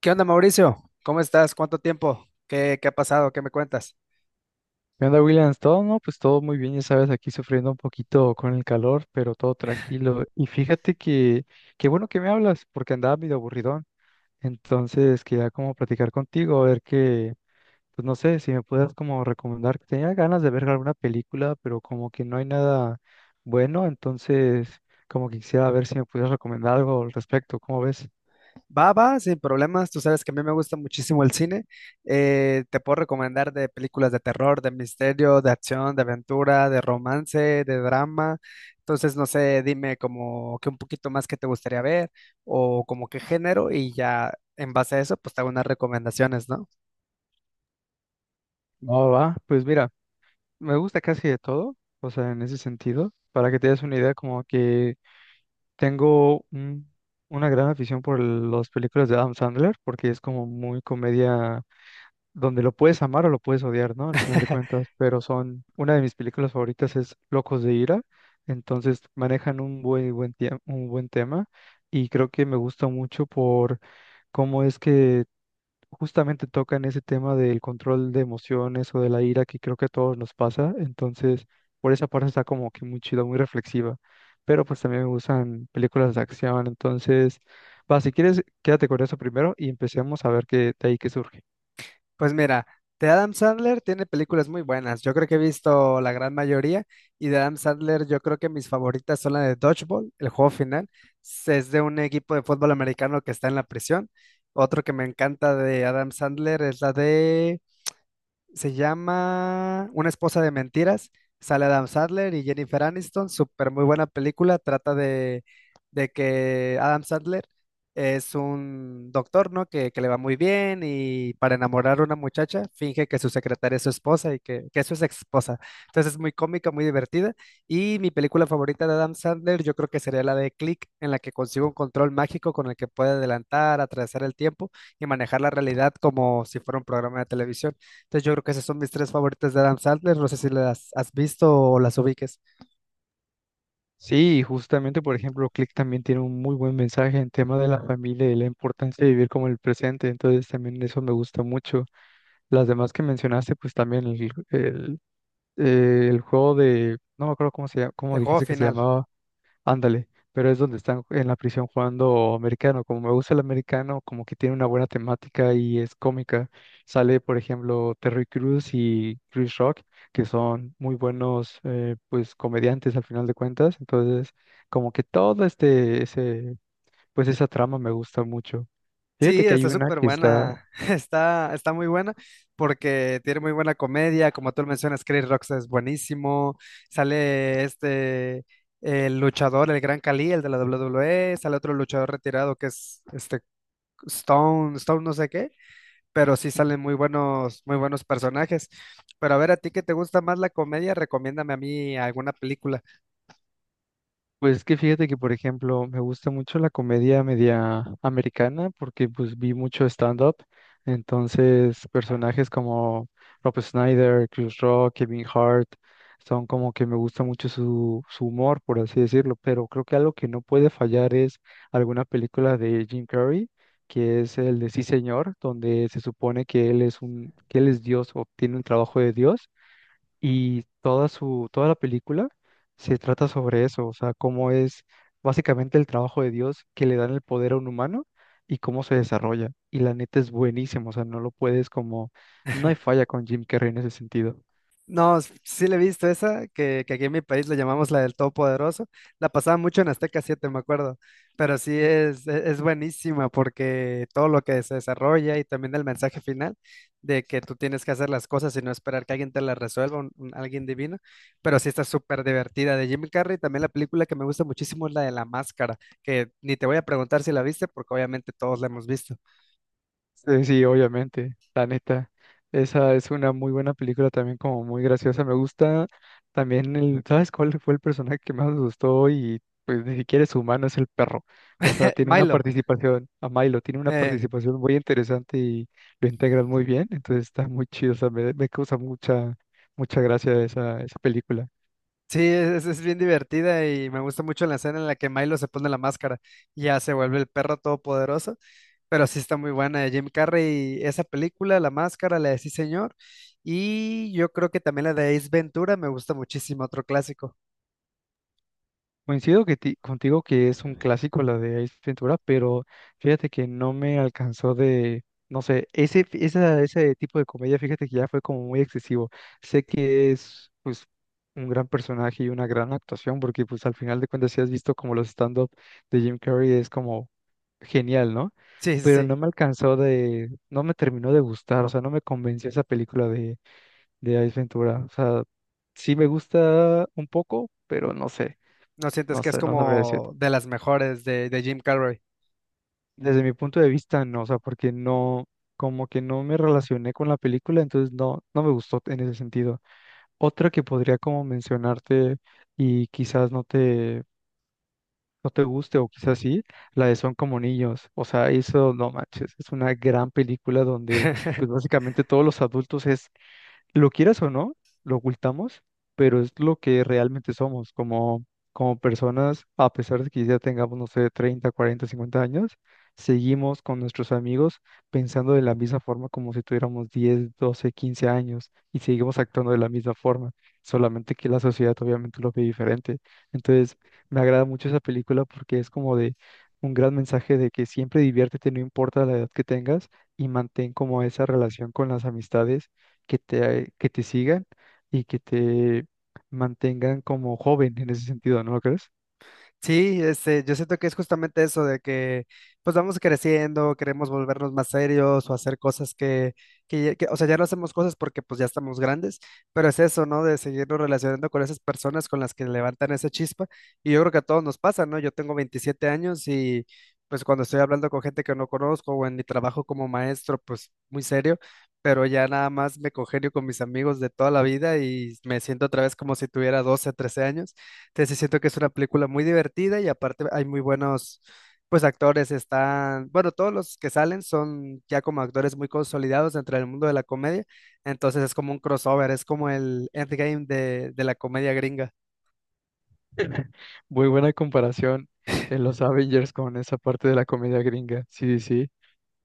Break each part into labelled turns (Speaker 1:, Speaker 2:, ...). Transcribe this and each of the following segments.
Speaker 1: ¿Qué onda, Mauricio? ¿Cómo estás? ¿Cuánto tiempo? ¿Qué ha pasado? ¿Qué me cuentas?
Speaker 2: ¿Qué onda, Williams? Todo, ¿no? Pues todo muy bien, ya sabes, aquí sufriendo un poquito con el calor, pero todo tranquilo. Y fíjate que qué bueno que me hablas, porque andaba medio aburridón. Entonces, quería como platicar contigo, a ver que pues no sé, si me puedas como recomendar. Tenía ganas de ver alguna película, pero como que no hay nada bueno, entonces como que quisiera ver si me pudieras recomendar algo al respecto. ¿Cómo ves?
Speaker 1: Va, va, sin problemas. Tú sabes que a mí me gusta muchísimo el cine. Te puedo recomendar de películas de terror, de misterio, de acción, de aventura, de romance, de drama. Entonces, no sé, dime como que un poquito más que te gustaría ver o como qué género y ya en base a eso, pues te hago unas recomendaciones, ¿no?
Speaker 2: Va, va, pues mira, me gusta casi de todo, o sea, en ese sentido. Para que te des una idea, como que Tengo un- una gran afición por las películas de Adam Sandler, porque es como muy comedia donde lo puedes amar o lo puedes odiar, ¿no? Al final de cuentas, pero son, una de mis películas favoritas es Locos de Ira, entonces manejan un un buen tema y creo que me gusta mucho por cómo es que justamente tocan ese tema del control de emociones o de la ira que creo que a todos nos pasa. Entonces, por esa parte está como que muy chido, muy reflexiva. Pero pues también me gustan películas de acción. Entonces, va, si quieres, quédate con eso primero y empecemos a ver qué de ahí que surge.
Speaker 1: Pues mira, de Adam Sandler tiene películas muy buenas. Yo creo que he visto la gran mayoría y de Adam Sandler yo creo que mis favoritas son la de Dodgeball, el juego final. Es de un equipo de fútbol americano que está en la prisión. Otro que me encanta de Adam Sandler es la de se llama Una esposa de mentiras. Sale Adam Sandler y Jennifer Aniston. Súper muy buena película. De que Adam Sandler es un doctor, ¿no? Que le va muy bien y para enamorar a una muchacha finge que su secretaria es su esposa y que es su esposa. Entonces es muy cómica, muy divertida. Y mi película favorita de Adam Sandler yo creo que sería la de Click, en la que consigue un control mágico con el que puede adelantar, atravesar el tiempo y manejar la realidad como si fuera un programa de televisión. Entonces yo creo que esas son mis tres favoritas de Adam Sandler. No sé si las has visto o las ubiques.
Speaker 2: Sí, justamente, por ejemplo, Click también tiene un muy buen mensaje en tema de la familia y la importancia de vivir como el presente. Entonces, también eso me gusta mucho. Las demás que mencionaste, pues también el el juego de, no me acuerdo cómo se llama, cómo
Speaker 1: El juego
Speaker 2: dijiste que se
Speaker 1: final.
Speaker 2: llamaba, ándale, pero es donde están en la prisión jugando americano. Como me gusta el americano, como que tiene una buena temática y es cómica. Sale, por ejemplo, Terry Crews y Chris Rock, que son muy buenos, pues, comediantes al final de cuentas. Entonces, como que todo este, ese, pues, esa trama me gusta mucho. Fíjate
Speaker 1: Sí,
Speaker 2: que hay
Speaker 1: está
Speaker 2: una
Speaker 1: súper
Speaker 2: que está...
Speaker 1: buena. Está muy buena porque tiene muy buena comedia. Como tú lo mencionas, Chris Rock es buenísimo. Sale este, el luchador, el Gran Khali, el de la WWE. Sale otro luchador retirado que es Stone no sé qué. Pero sí salen muy buenos personajes. Pero a ver, a ti que te gusta más la comedia, recomiéndame a mí alguna película.
Speaker 2: Pues es que fíjate que, por ejemplo, me gusta mucho la comedia media americana porque pues vi mucho stand-up. Entonces, personajes como Rob Schneider, Chris Rock, Kevin Hart, son como que me gusta mucho su humor, por así decirlo. Pero creo que algo que no puede fallar es alguna película de Jim Carrey, que es el de Sí Señor, donde se supone que él es un, que él es Dios o tiene un trabajo de Dios y toda la película se trata sobre eso, o sea, cómo es básicamente el trabajo de Dios que le dan el poder a un humano y cómo se desarrolla. Y la neta es buenísimo, o sea, no lo puedes como, no hay falla con Jim Carrey en ese sentido.
Speaker 1: No, sí le he visto esa, que aquí en mi país le llamamos la del Todopoderoso. La pasaba mucho en Azteca siete, me acuerdo. Pero sí es buenísima porque todo lo que se desarrolla y también el mensaje final de que tú tienes que hacer las cosas y no esperar que alguien te las resuelva, un alguien divino. Pero sí está súper divertida de Jim Carrey. También la película que me gusta muchísimo es la de La Máscara, que ni te voy a preguntar si la viste porque obviamente todos la hemos visto.
Speaker 2: Sí, sí, obviamente, la neta. Esa es una muy buena película también, como muy graciosa. Me gusta también el, ¿sabes cuál fue el personaje que más me gustó? Y pues ni siquiera es humano, es el perro. O sea, tiene una
Speaker 1: Milo.
Speaker 2: participación, a Milo, tiene una
Speaker 1: eh,
Speaker 2: participación muy interesante y lo integran muy bien. Entonces está muy chido, o sea, me causa mucha gracia esa película.
Speaker 1: Sí, es bien divertida y me gusta mucho la escena en la que Milo se pone la máscara y ya se vuelve el perro todopoderoso, pero sí está muy buena de Jim Carrey, esa película, La Máscara, la de Sí Señor, y yo creo que también la de Ace Ventura me gusta muchísimo, otro clásico.
Speaker 2: Coincido contigo que es un clásico la de Ace Ventura, pero fíjate que no me alcanzó de, no sé, ese tipo de comedia, fíjate que ya fue como muy excesivo. Sé que es pues un gran personaje y una gran actuación, porque pues al final de cuentas si has visto como los stand-up de Jim Carrey es como genial, ¿no?
Speaker 1: Sí, sí,
Speaker 2: Pero
Speaker 1: sí,
Speaker 2: no me alcanzó de, no me terminó de gustar, o sea, no me convenció esa película de Ace Ventura. O sea, sí me gusta un poco, pero no sé.
Speaker 1: no sientes
Speaker 2: No
Speaker 1: que es
Speaker 2: sé, no sabría decirte.
Speaker 1: como de las mejores de Jim Carrey.
Speaker 2: Desde mi punto de vista, no, o sea, porque no, como que no me relacioné con la película, entonces no, no me gustó en ese sentido. Otra que podría como mencionarte y quizás no te guste o quizás sí, la de Son como niños. O sea, eso no manches, es una gran película donde pues básicamente todos los adultos es lo quieras o no, lo ocultamos, pero es lo que realmente somos como, como personas, a pesar de que ya tengamos, no sé, 30, 40, 50 años, seguimos con nuestros amigos pensando de la misma forma como si tuviéramos 10, 12, 15 años y seguimos actuando de la misma forma, solamente que la sociedad obviamente lo ve diferente. Entonces, me agrada mucho esa película porque es como de un gran mensaje de que siempre diviértete, no importa la edad que tengas, y mantén como esa relación con las amistades que te sigan y que te mantengan como joven en ese sentido, ¿no lo crees?
Speaker 1: Sí, este, yo siento que es justamente eso de que pues vamos creciendo, queremos volvernos más serios o hacer cosas que, o sea, ya no hacemos cosas porque pues ya estamos grandes, pero es eso, ¿no? De seguirnos relacionando con esas personas con las que levantan esa chispa y yo creo que a todos nos pasa, ¿no? Yo tengo 27 años y pues cuando estoy hablando con gente que no conozco o en mi trabajo como maestro, pues muy serio, pero ya nada más me congenio con mis amigos de toda la vida y me siento otra vez como si tuviera 12, 13 años. Entonces sí siento que es una película muy divertida y aparte hay muy buenos, pues actores están, bueno, todos los que salen son ya como actores muy consolidados dentro del mundo de la comedia, entonces es como un crossover, es como el endgame de la comedia gringa.
Speaker 2: Muy buena comparación en los Avengers con esa parte de la comedia gringa, sí, sí.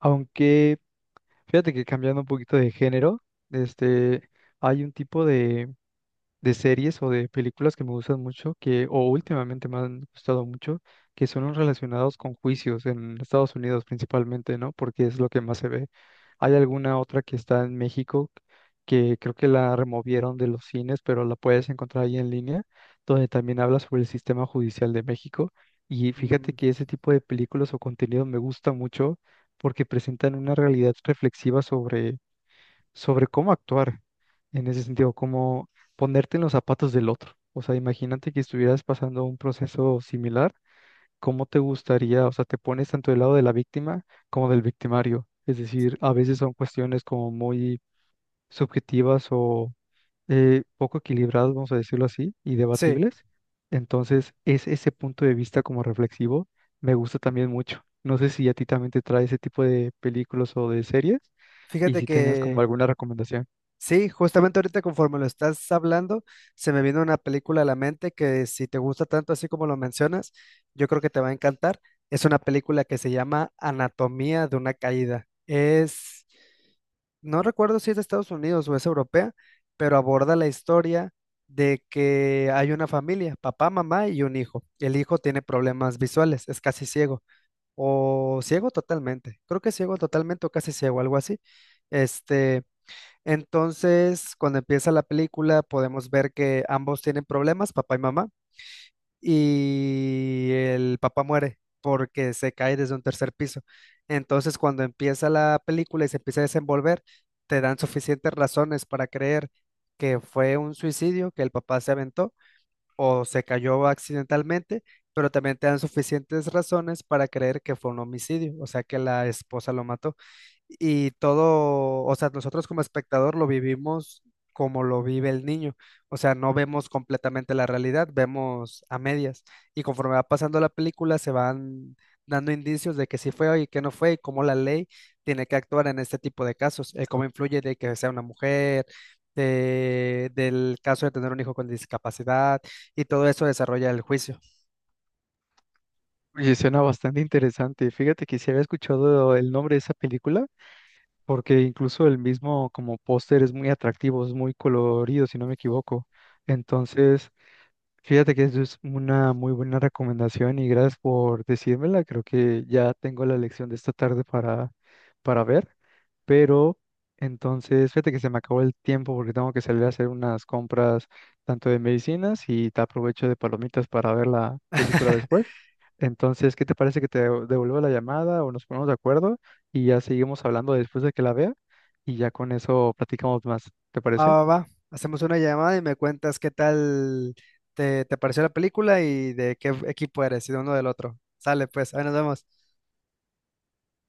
Speaker 2: Aunque fíjate que cambiando un poquito de género, este, hay un tipo de series o de películas que me gustan mucho, que, o últimamente me han gustado mucho, que son los relacionados con juicios en Estados Unidos principalmente, ¿no? Porque es lo que más se ve. Hay alguna otra que está en México que creo que la removieron de los cines, pero la puedes encontrar ahí en línea, donde también habla sobre el sistema judicial de México. Y fíjate
Speaker 1: Mm,
Speaker 2: que ese tipo de películas o contenido me gusta mucho porque presentan una realidad reflexiva sobre cómo actuar en ese sentido, cómo ponerte en los zapatos del otro. O sea, imagínate que estuvieras pasando un proceso similar, ¿cómo te gustaría? O sea, te pones tanto del lado de la víctima como del victimario. Es decir, a veces son cuestiones como muy subjetivas o poco equilibradas, vamos a decirlo así, y
Speaker 1: sí,
Speaker 2: debatibles. Entonces, es ese punto de vista como reflexivo, me gusta también mucho. No sé si a ti también te trae ese tipo de películas o de series y
Speaker 1: fíjate
Speaker 2: si tengas como
Speaker 1: que
Speaker 2: alguna recomendación.
Speaker 1: sí, justamente ahorita conforme lo estás hablando, se me vino una película a la mente que si te gusta tanto así como lo mencionas, yo creo que te va a encantar. Es una película que se llama Anatomía de una caída. Es No recuerdo si es de Estados Unidos o es europea, pero aborda la historia de que hay una familia, papá, mamá y un hijo. El hijo tiene problemas visuales, es casi ciego o ciego totalmente. Creo que ciego totalmente o casi ciego, algo así. Este, entonces, cuando empieza la película, podemos ver que ambos tienen problemas, papá y mamá y el papá muere porque se cae desde un tercer piso. Entonces, cuando empieza la película y se empieza a desenvolver, te dan suficientes razones para creer que fue un suicidio, que el papá se aventó o se cayó accidentalmente, pero también te dan suficientes razones para creer que fue un homicidio, o sea, que la esposa lo mató y todo, o sea, nosotros como espectador lo vivimos como lo vive el niño, o sea, no vemos completamente la realidad, vemos a medias y conforme va pasando la película se van dando indicios de que sí fue y que no fue y cómo la ley tiene que actuar en este tipo de casos, cómo influye de que sea una mujer, del caso de tener un hijo con discapacidad y todo eso desarrolla el juicio.
Speaker 2: Oye, suena bastante interesante. Fíjate que sí había escuchado el nombre de esa película, porque incluso el mismo como póster es muy atractivo, es muy colorido, si no me equivoco. Entonces, fíjate que eso es una muy buena recomendación y gracias por decírmela. Creo que ya tengo la lección de esta tarde para ver. Pero entonces, fíjate que se me acabó el tiempo porque tengo que salir a hacer unas compras tanto de medicinas y te aprovecho de palomitas para ver la película después. Entonces, ¿qué te parece que te devuelva la llamada o nos ponemos de acuerdo y ya seguimos hablando después de que la vea y ya con eso platicamos más? ¿Te
Speaker 1: Va,
Speaker 2: parece?
Speaker 1: va, va. Hacemos una llamada y me cuentas qué tal te pareció la película y de qué equipo eres y de uno del otro. Sale, pues, ahí nos vemos.